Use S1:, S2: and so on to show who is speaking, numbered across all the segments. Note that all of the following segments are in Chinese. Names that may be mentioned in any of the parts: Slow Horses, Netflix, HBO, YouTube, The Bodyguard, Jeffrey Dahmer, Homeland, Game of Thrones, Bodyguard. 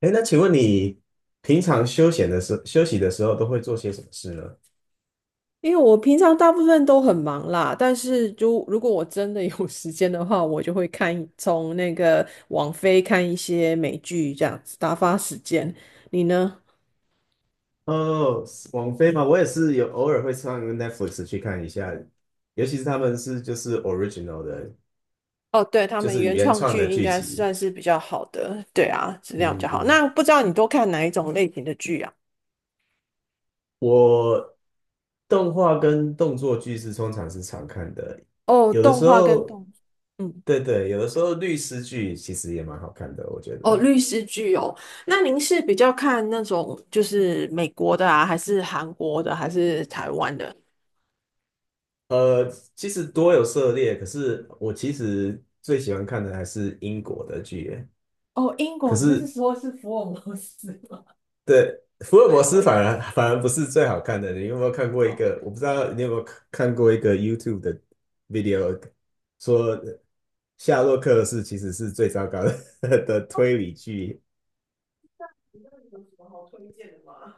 S1: 哎，那请问你平常休闲的休息的时候都会做些什么事呢？
S2: 因为我平常大部分都很忙啦，但是就如果我真的有 时间的话，我就会看从那个网飞看一些美剧这样子打发时间。你呢？
S1: 哦，网飞嘛，我也是有偶尔会上 Netflix 去看一下，尤其是他们就是 original 的，
S2: 哦，对，他
S1: 就
S2: 们
S1: 是
S2: 原
S1: 原
S2: 创
S1: 创
S2: 剧
S1: 的
S2: 应
S1: 剧
S2: 该
S1: 集。
S2: 算是比较好的，对啊，质量比较
S1: 嗯嗯。
S2: 好。那不知道你都看哪一种类型的剧啊？
S1: 我动画跟动作剧通常是常看的，
S2: 哦，
S1: 有的
S2: 动
S1: 时
S2: 画跟
S1: 候，
S2: 动，嗯，
S1: 对对，有的时候律师剧其实也蛮好看的，我觉
S2: 哦，
S1: 得。
S2: 律师剧哦。那您是比较看那种就是美国的啊，还是韩国的，还是台湾的？
S1: 呃，其实多有涉猎，可是我其实最喜欢看的还是英国的剧耶。
S2: 哦，英
S1: 可
S2: 国，就是
S1: 是，
S2: 说是福尔摩斯吗？
S1: 对，福 尔摩
S2: 对，
S1: 斯反
S2: 都
S1: 而反而不是最好看的。你有没有看过一
S2: 哦，
S1: 个？我不知道你有没有看过一个 YouTube 的 video，说夏洛克其实是最糟糕的 的推理剧。
S2: 你那里有什么好推荐的吗？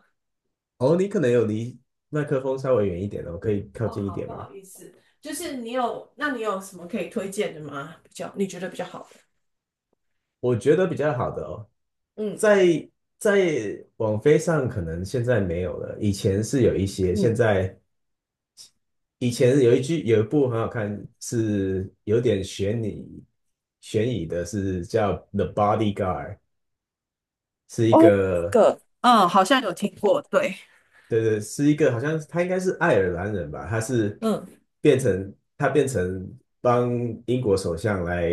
S1: 哦，你可能有离麦克风稍微远一点的，我可以靠
S2: 哦，
S1: 近一
S2: 好，
S1: 点
S2: 不
S1: 吗？
S2: 好意思，就是你有，那你有什么可以推荐的吗？比较你觉得比较好的？
S1: 我觉得比较好的哦，
S2: 嗯
S1: 在在网飞上可能现在没有了，以前是有一些，现
S2: 嗯，
S1: 在以前有一句有一部很好看，是有点悬疑的，是叫《The Bodyguard》，是一
S2: 哦，这
S1: 个
S2: 个，嗯，好像有听过，对，
S1: 对对，是一个好像他应该是爱尔兰人吧，他是
S2: 嗯，
S1: 变成帮英国首相来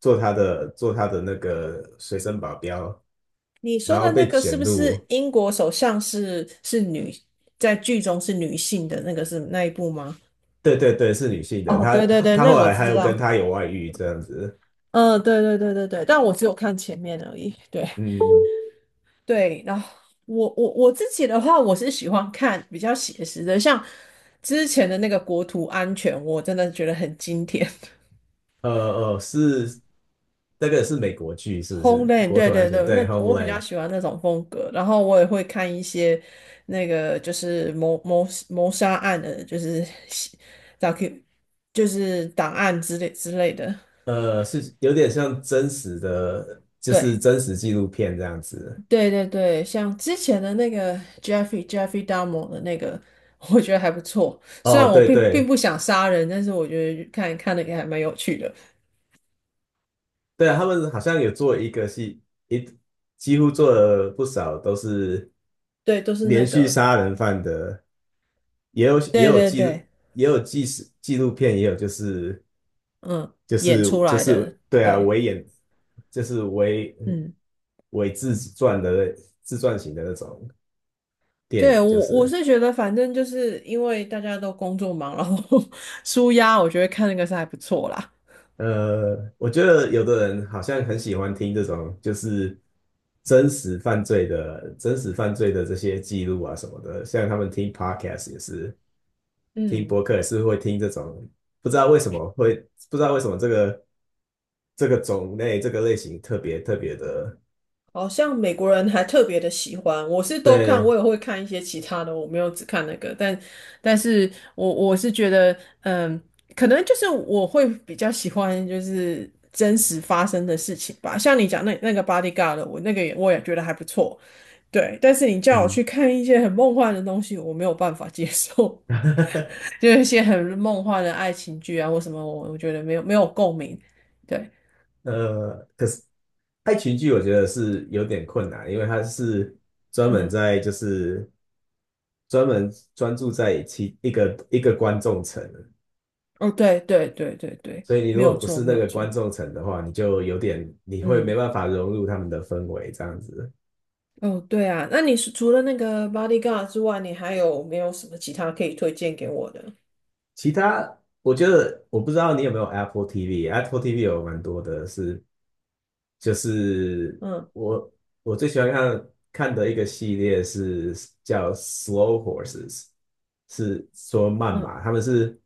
S1: 做他的那个随身保镖，
S2: 你说
S1: 然后
S2: 的那
S1: 被
S2: 个是
S1: 卷
S2: 不是
S1: 入。
S2: 英国首相是女，在剧中是女性的那个是那一部吗？
S1: 对对对，是女性的，
S2: 哦，对对对，
S1: 他
S2: 那
S1: 后
S2: 我
S1: 来还
S2: 知
S1: 有跟
S2: 道，
S1: 他有外遇这样子。
S2: 嗯，对对对对对，但我只有看前面而已，对，
S1: 嗯，
S2: 对，然后我自己的话，我是喜欢看比较写实的，像之前的那个国土安全，我真的觉得很经典。
S1: 呃是那个是美国剧是不是？
S2: Homeland,
S1: 国
S2: 对
S1: 土安
S2: 对
S1: 全
S2: 对，
S1: 对
S2: 那我比较
S1: Homeland，
S2: 喜欢那种风格。然后我也会看一些那个就是谋杀案的，就是 DO 就是档案之类的。
S1: 是有点像真实的，就是
S2: 对，
S1: 真实纪录片这样子。
S2: 对对对，像之前的那个 Jeffrey Dahmer 的那个，我觉得还不错。虽然
S1: 哦，
S2: 我
S1: 对
S2: 并
S1: 对。
S2: 不想杀人，但是我觉得看看的也还蛮有趣的。
S1: 对啊，他们好像有做一个戏，一几乎做了不少都是
S2: 对，都是那
S1: 连续
S2: 个，
S1: 杀人犯的，也有也
S2: 对
S1: 有
S2: 对
S1: 记录，
S2: 对，
S1: 也有纪实纪录片，也有
S2: 嗯，演出
S1: 就
S2: 来的，
S1: 是对啊，
S2: 对，
S1: 就是
S2: 嗯，
S1: 伪自传的自传型的那种电
S2: 对
S1: 影，就
S2: 我
S1: 是
S2: 我
S1: 了。
S2: 是觉得，反正就是因为大家都工作忙，然后 舒压，我觉得看那个是还不错啦。
S1: 我觉得有的人好像很喜欢听这种，就是真实犯罪的、真实犯罪的这些记录啊什么的，像他们听 podcast 也是，听
S2: 嗯。
S1: 播客也是会听这种，不知道为什么会，不知道为什么这个种类、这个类型特别特别的，
S2: 好像美国人还特别的喜欢，我是都看，
S1: 对，
S2: 我也会看一些其他的，我没有只看那个，但但是我是觉得，嗯，可能就是我会比较喜欢就是真实发生的事情吧，像你讲那个 Bodyguard,的我那个也我也觉得还不错，对，但是你叫我
S1: 嗯。
S2: 去看一些很梦幻的东西，我没有办法接受，就是一些很梦幻的爱情剧啊或什么，我我觉得没有共鸣，对，
S1: 可是爱情剧我觉得是有点困难，因为它是专门
S2: 嗯，
S1: 在就是专门专注在一个一个观众层，
S2: 哦，对对对对对，
S1: 所以你
S2: 没
S1: 如果
S2: 有
S1: 不
S2: 错，
S1: 是
S2: 没
S1: 那
S2: 有
S1: 个观
S2: 错。
S1: 众层的话，你就有点你会没
S2: 嗯，
S1: 办法融入他们的氛围这样子。
S2: 哦，对啊，那你是除了那个 Bodyguard 之外，你还有没有什么其他可以推荐给我的？
S1: 其他我觉得我不知道你有没有 Apple TV，Apple TV 有蛮多的是，就是
S2: 嗯
S1: 我我最喜欢看的一个系列是叫 Slow Horses，是说慢
S2: 嗯，
S1: 马，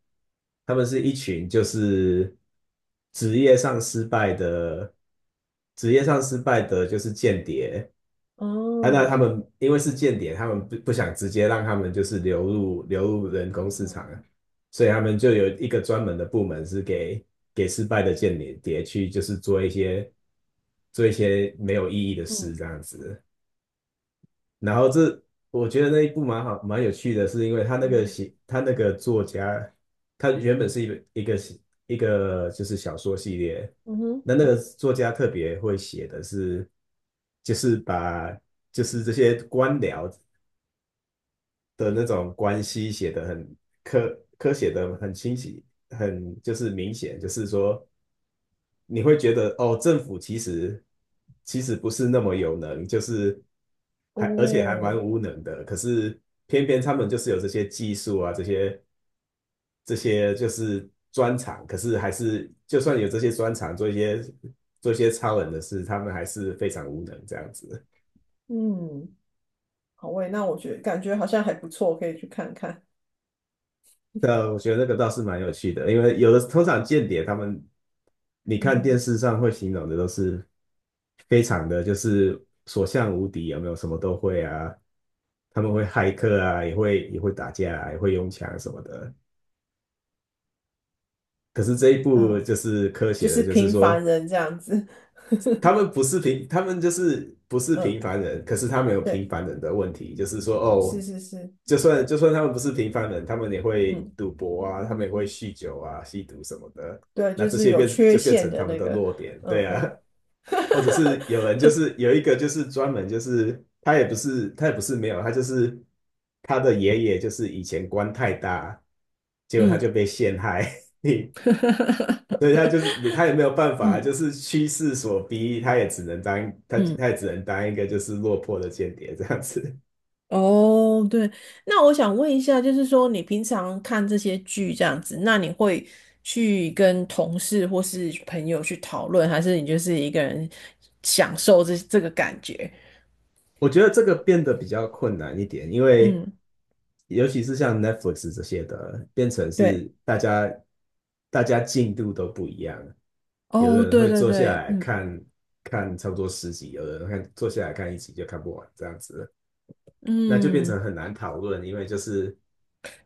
S1: 他们是一群就是职业上失败的职业上失败的就是间谍。啊，那他
S2: 哦，
S1: 们因为是间谍，他们不想直接让他们就是流入人工
S2: 嗯
S1: 市场
S2: 哼，
S1: 啊，所以他们就有一个专门的部门是给失败的间谍去，就是做一些做一些没有意义的事
S2: 嗯
S1: 这样子。然后这我觉得那一部蛮有趣的，是因为
S2: 嗯
S1: 他那个作家，他原本是一个一个就是小说系列，
S2: 嗯哼，
S1: 那那个作家特别会写的是，就是把就是这些官僚的那种关系写得很写的很清晰，很就是明显，就是说。你会觉得哦，政府其实不是那么有能，就是还而且还
S2: 哦，
S1: 蛮无能的。可是偏偏他们就是有这些技术啊，这些就是专长，可是还是就算有这些专长，做一些做一些超人的事，他们还是非常无能这样子。
S2: 嗯，好喂，那我觉得感觉好像还不错，可以去看看。
S1: 对啊，我觉得那个倒是蛮有趣的，因为有的通常间谍他们，你
S2: 嗯
S1: 看电
S2: 哼，
S1: 视上会形容的都是非常的就是所向无敌，有没有什么都会啊？他们会骇客啊，也会打架啊也会用枪什么的。可是这一部
S2: 嗯，
S1: 就是科
S2: 就
S1: 学的，
S2: 是
S1: 就是
S2: 平凡
S1: 说
S2: 人这样子。
S1: 他们就是不是平
S2: 嗯，
S1: 凡人，可是他们有平
S2: 对，
S1: 凡人的问题，就是说
S2: 是
S1: 哦，
S2: 是是，
S1: 就算他们不是平凡人，他们也会
S2: 嗯，
S1: 赌博啊，他们也会酗酒啊、吸毒什么的，
S2: 对啊，
S1: 那
S2: 就
S1: 这
S2: 是
S1: 些
S2: 有缺
S1: 就变
S2: 陷
S1: 成
S2: 的
S1: 他们
S2: 那
S1: 的
S2: 个，
S1: 弱点，
S2: 嗯
S1: 对啊，
S2: 嗯，
S1: 或者是有人就是有一个就是专门就是他也不是没有，他就是他的爷爷就是以前官太大，结果他
S2: 嗯
S1: 就被陷害。所以他 就是他也没有办法，就
S2: 嗯
S1: 是趋势所逼，他也只能当
S2: 嗯。
S1: 他也只能当一个就是落魄的间谍这样子。
S2: 哦，对，那我想问一下，就是说你平常看这些剧这样子，那你会去跟同事或是朋友去讨论，还是你就是一个人享受这个感觉？
S1: 我觉得这个变得比较困难一点，因为
S2: 嗯，
S1: 尤其是像 Netflix 这些的，变成
S2: 对，
S1: 是大家进度都不一样，有
S2: 哦，
S1: 的人
S2: 对
S1: 会
S2: 对
S1: 坐下
S2: 对，
S1: 来
S2: 嗯
S1: 看看差不多10集，有的人坐下来看一集就看不完这样子，那就变
S2: 嗯，
S1: 成很难讨论，因为就是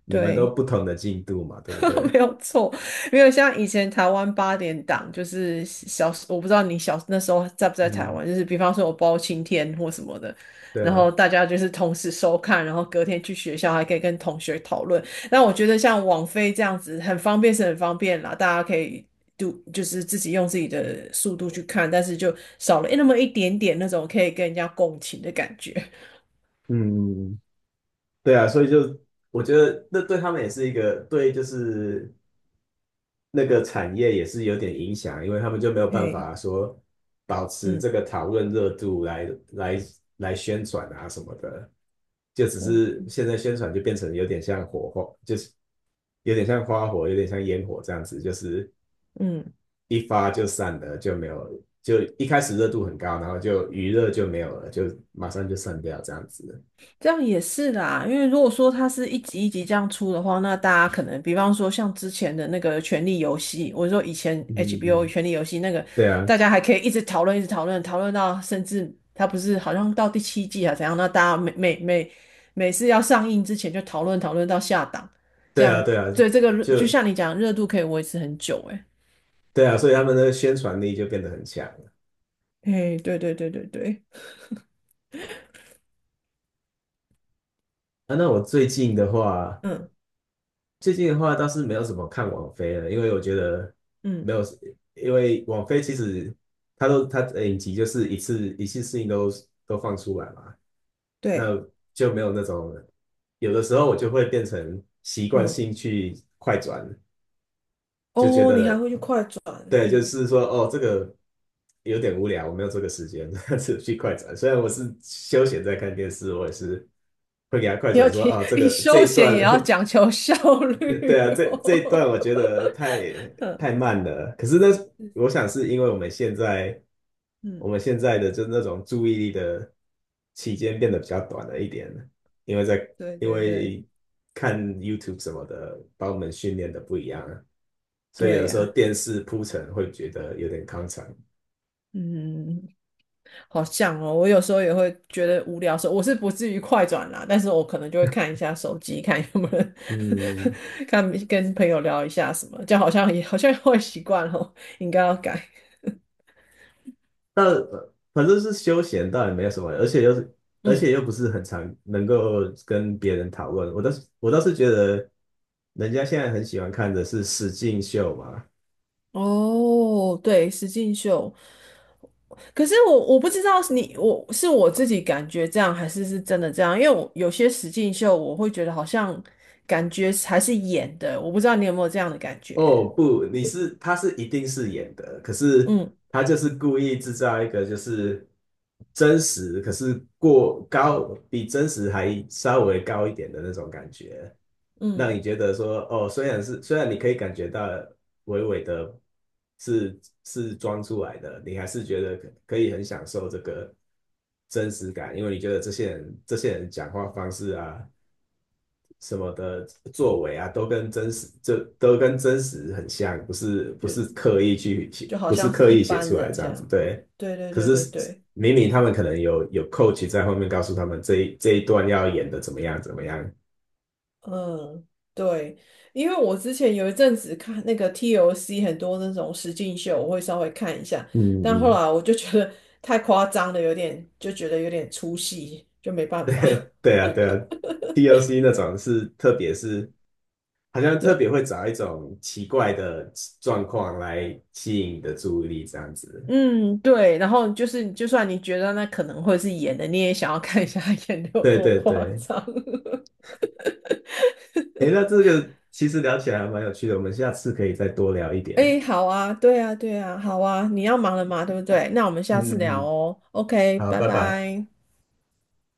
S1: 你们都
S2: 对。
S1: 不同的进度嘛，对不 对？
S2: 没有错，没有像以前台湾八点档，就是小，我不知道你小那时候在不在台
S1: 嗯，
S2: 湾，就是比方说我包青天或什么的，
S1: 对
S2: 然
S1: 啊，
S2: 后大家就是同时收看，然后隔天去学校还可以跟同学讨论。但我觉得像网飞这样子很方便是很方便啦，大家可以读就是自己用自己的速度去看，但是就少了那么一点点那种可以跟人家共情的感觉。
S1: 嗯，对啊，所以就我觉得那对他们也是一个对，就是那个产业也是有点影响，因为他们就没有 办
S2: 嘿，
S1: 法说保持
S2: 嗯
S1: 这个讨论热度来来宣传啊什么的，就只
S2: 嗯
S1: 是现在宣传就变成有点像火候，就是有点像花火，有点像烟火这样子，就是
S2: 嗯。
S1: 一发就散了，就没有，就一开始热度很高，然后就余热就没有了，就马上就散掉这样子。
S2: 这样也是啦，因为如果说它是一集一集这样出的话，那大家可能，比方说像之前的那个《权力游戏》，我说以前
S1: 嗯嗯
S2: HBO
S1: 嗯，
S2: 《权力游戏》那个，
S1: 对啊，
S2: 大家还可以一直讨论，一直讨论，讨论到甚至它不是好像到第7季啊怎样？那大家每每次要上映之前就讨论到下档，这
S1: 对啊，
S2: 样
S1: 对啊，
S2: 以这个热
S1: 就
S2: 就像你讲，热度可以维持很久、欸。
S1: 对啊，所以他们的宣传力就变得很强了
S2: 诶，诶，对对对对对，
S1: 啊。那我最近的话，
S2: 嗯
S1: 最近的话倒是没有什么看网飞了，因为我觉得
S2: 嗯
S1: 没有，因为网飞其实它的影集就是一次性都都放出来嘛，
S2: 对，
S1: 那就没有那种有的时候我就会变成习惯
S2: 嗯
S1: 性去快转，就觉
S2: 哦，你还
S1: 得
S2: 会去快转，
S1: 对，就
S2: 嗯。
S1: 是说哦，这个有点无聊，我没有这个时间，是去快转。虽然我是休闲在看电视，我也是会给他快
S2: 要
S1: 转说
S2: 提，
S1: 哦，这
S2: 你
S1: 个这
S2: 休
S1: 一
S2: 闲
S1: 段，
S2: 也要讲 求效
S1: 对
S2: 率
S1: 啊，这一段
S2: 哦。
S1: 我觉得太慢了。可是那我 想是因为我
S2: 嗯，
S1: 们现在的就那种注意力的期间变得比较短了一点，因为在
S2: 对
S1: 因
S2: 对对
S1: 为看 YouTube 什么的，把我们训练的不一样。了。所以有
S2: 对
S1: 的时候
S2: 呀、
S1: 电视铺陈会觉得有点康长。
S2: 嗯，好像哦，我有时候也会觉得无聊的时候，我是不至于快转啦，但是我可能就会看一下手机，看有没有人
S1: 嗯，
S2: 看跟朋友聊一下什么，就好像也好像会习惯哦，应该要改。
S1: 但反正是休闲，倒也没有什么，而且而
S2: 嗯，
S1: 且又不是很常能够跟别人讨论。我倒是觉得，人家现在很喜欢看的是实境秀嘛。
S2: 哦，对，实境秀，可是我不知道是你我是我自己感觉这样，还是是真的这样？因为我有些实境秀，我会觉得好像感觉还是演的，我不知道你有没有这样的感觉？
S1: 哦，不，他是一定是演的，可是
S2: 嗯
S1: 他就是故意制造一个就是真实，可是过高比真实还稍微高一点的那种感觉。那
S2: 嗯，
S1: 你觉得说，哦，虽然你可以感觉到微微的是装出来的，你还是觉得可以很享受这个真实感，因为你觉得这些人讲话方式啊什么的作为啊，都跟真实都跟真实很像，不
S2: 就
S1: 是刻意去写，
S2: 就好
S1: 不是
S2: 像是
S1: 刻
S2: 一
S1: 意写
S2: 般
S1: 出来
S2: 人
S1: 这
S2: 这
S1: 样子，
S2: 样。
S1: 对。
S2: 对对
S1: 可
S2: 对
S1: 是
S2: 对对，
S1: 明明他们可能有 coach 在后面告诉他们这一段要演的怎么样怎么样。
S2: 嗯对，因为我之前有一阵子看那个 TOC 很多那种实境秀，我会稍微看一下，
S1: 嗯
S2: 但后
S1: 嗯。
S2: 来我就觉得太夸张了，有点就觉得有点出戏，就没 办法。
S1: 对啊，对啊 d O c 那种是，特别是好像 特别
S2: 对。
S1: 会找一种奇怪的状况来吸引你的注意力，这样子。
S2: 嗯，对，然后就是，就算你觉得那可能会是演的，你也想要看一下他演的有
S1: 对
S2: 多
S1: 对
S2: 夸
S1: 对，
S2: 张。
S1: 诶，那这个其实聊起来还蛮有趣的，我们下次可以再多聊一点。
S2: 哎好啊，对啊，对啊，好啊，你要忙了嘛，对不对？那我们下
S1: 嗯
S2: 次
S1: 嗯，
S2: 聊
S1: 嗯
S2: 哦。OK,
S1: 好，
S2: 拜
S1: 拜拜。
S2: 拜。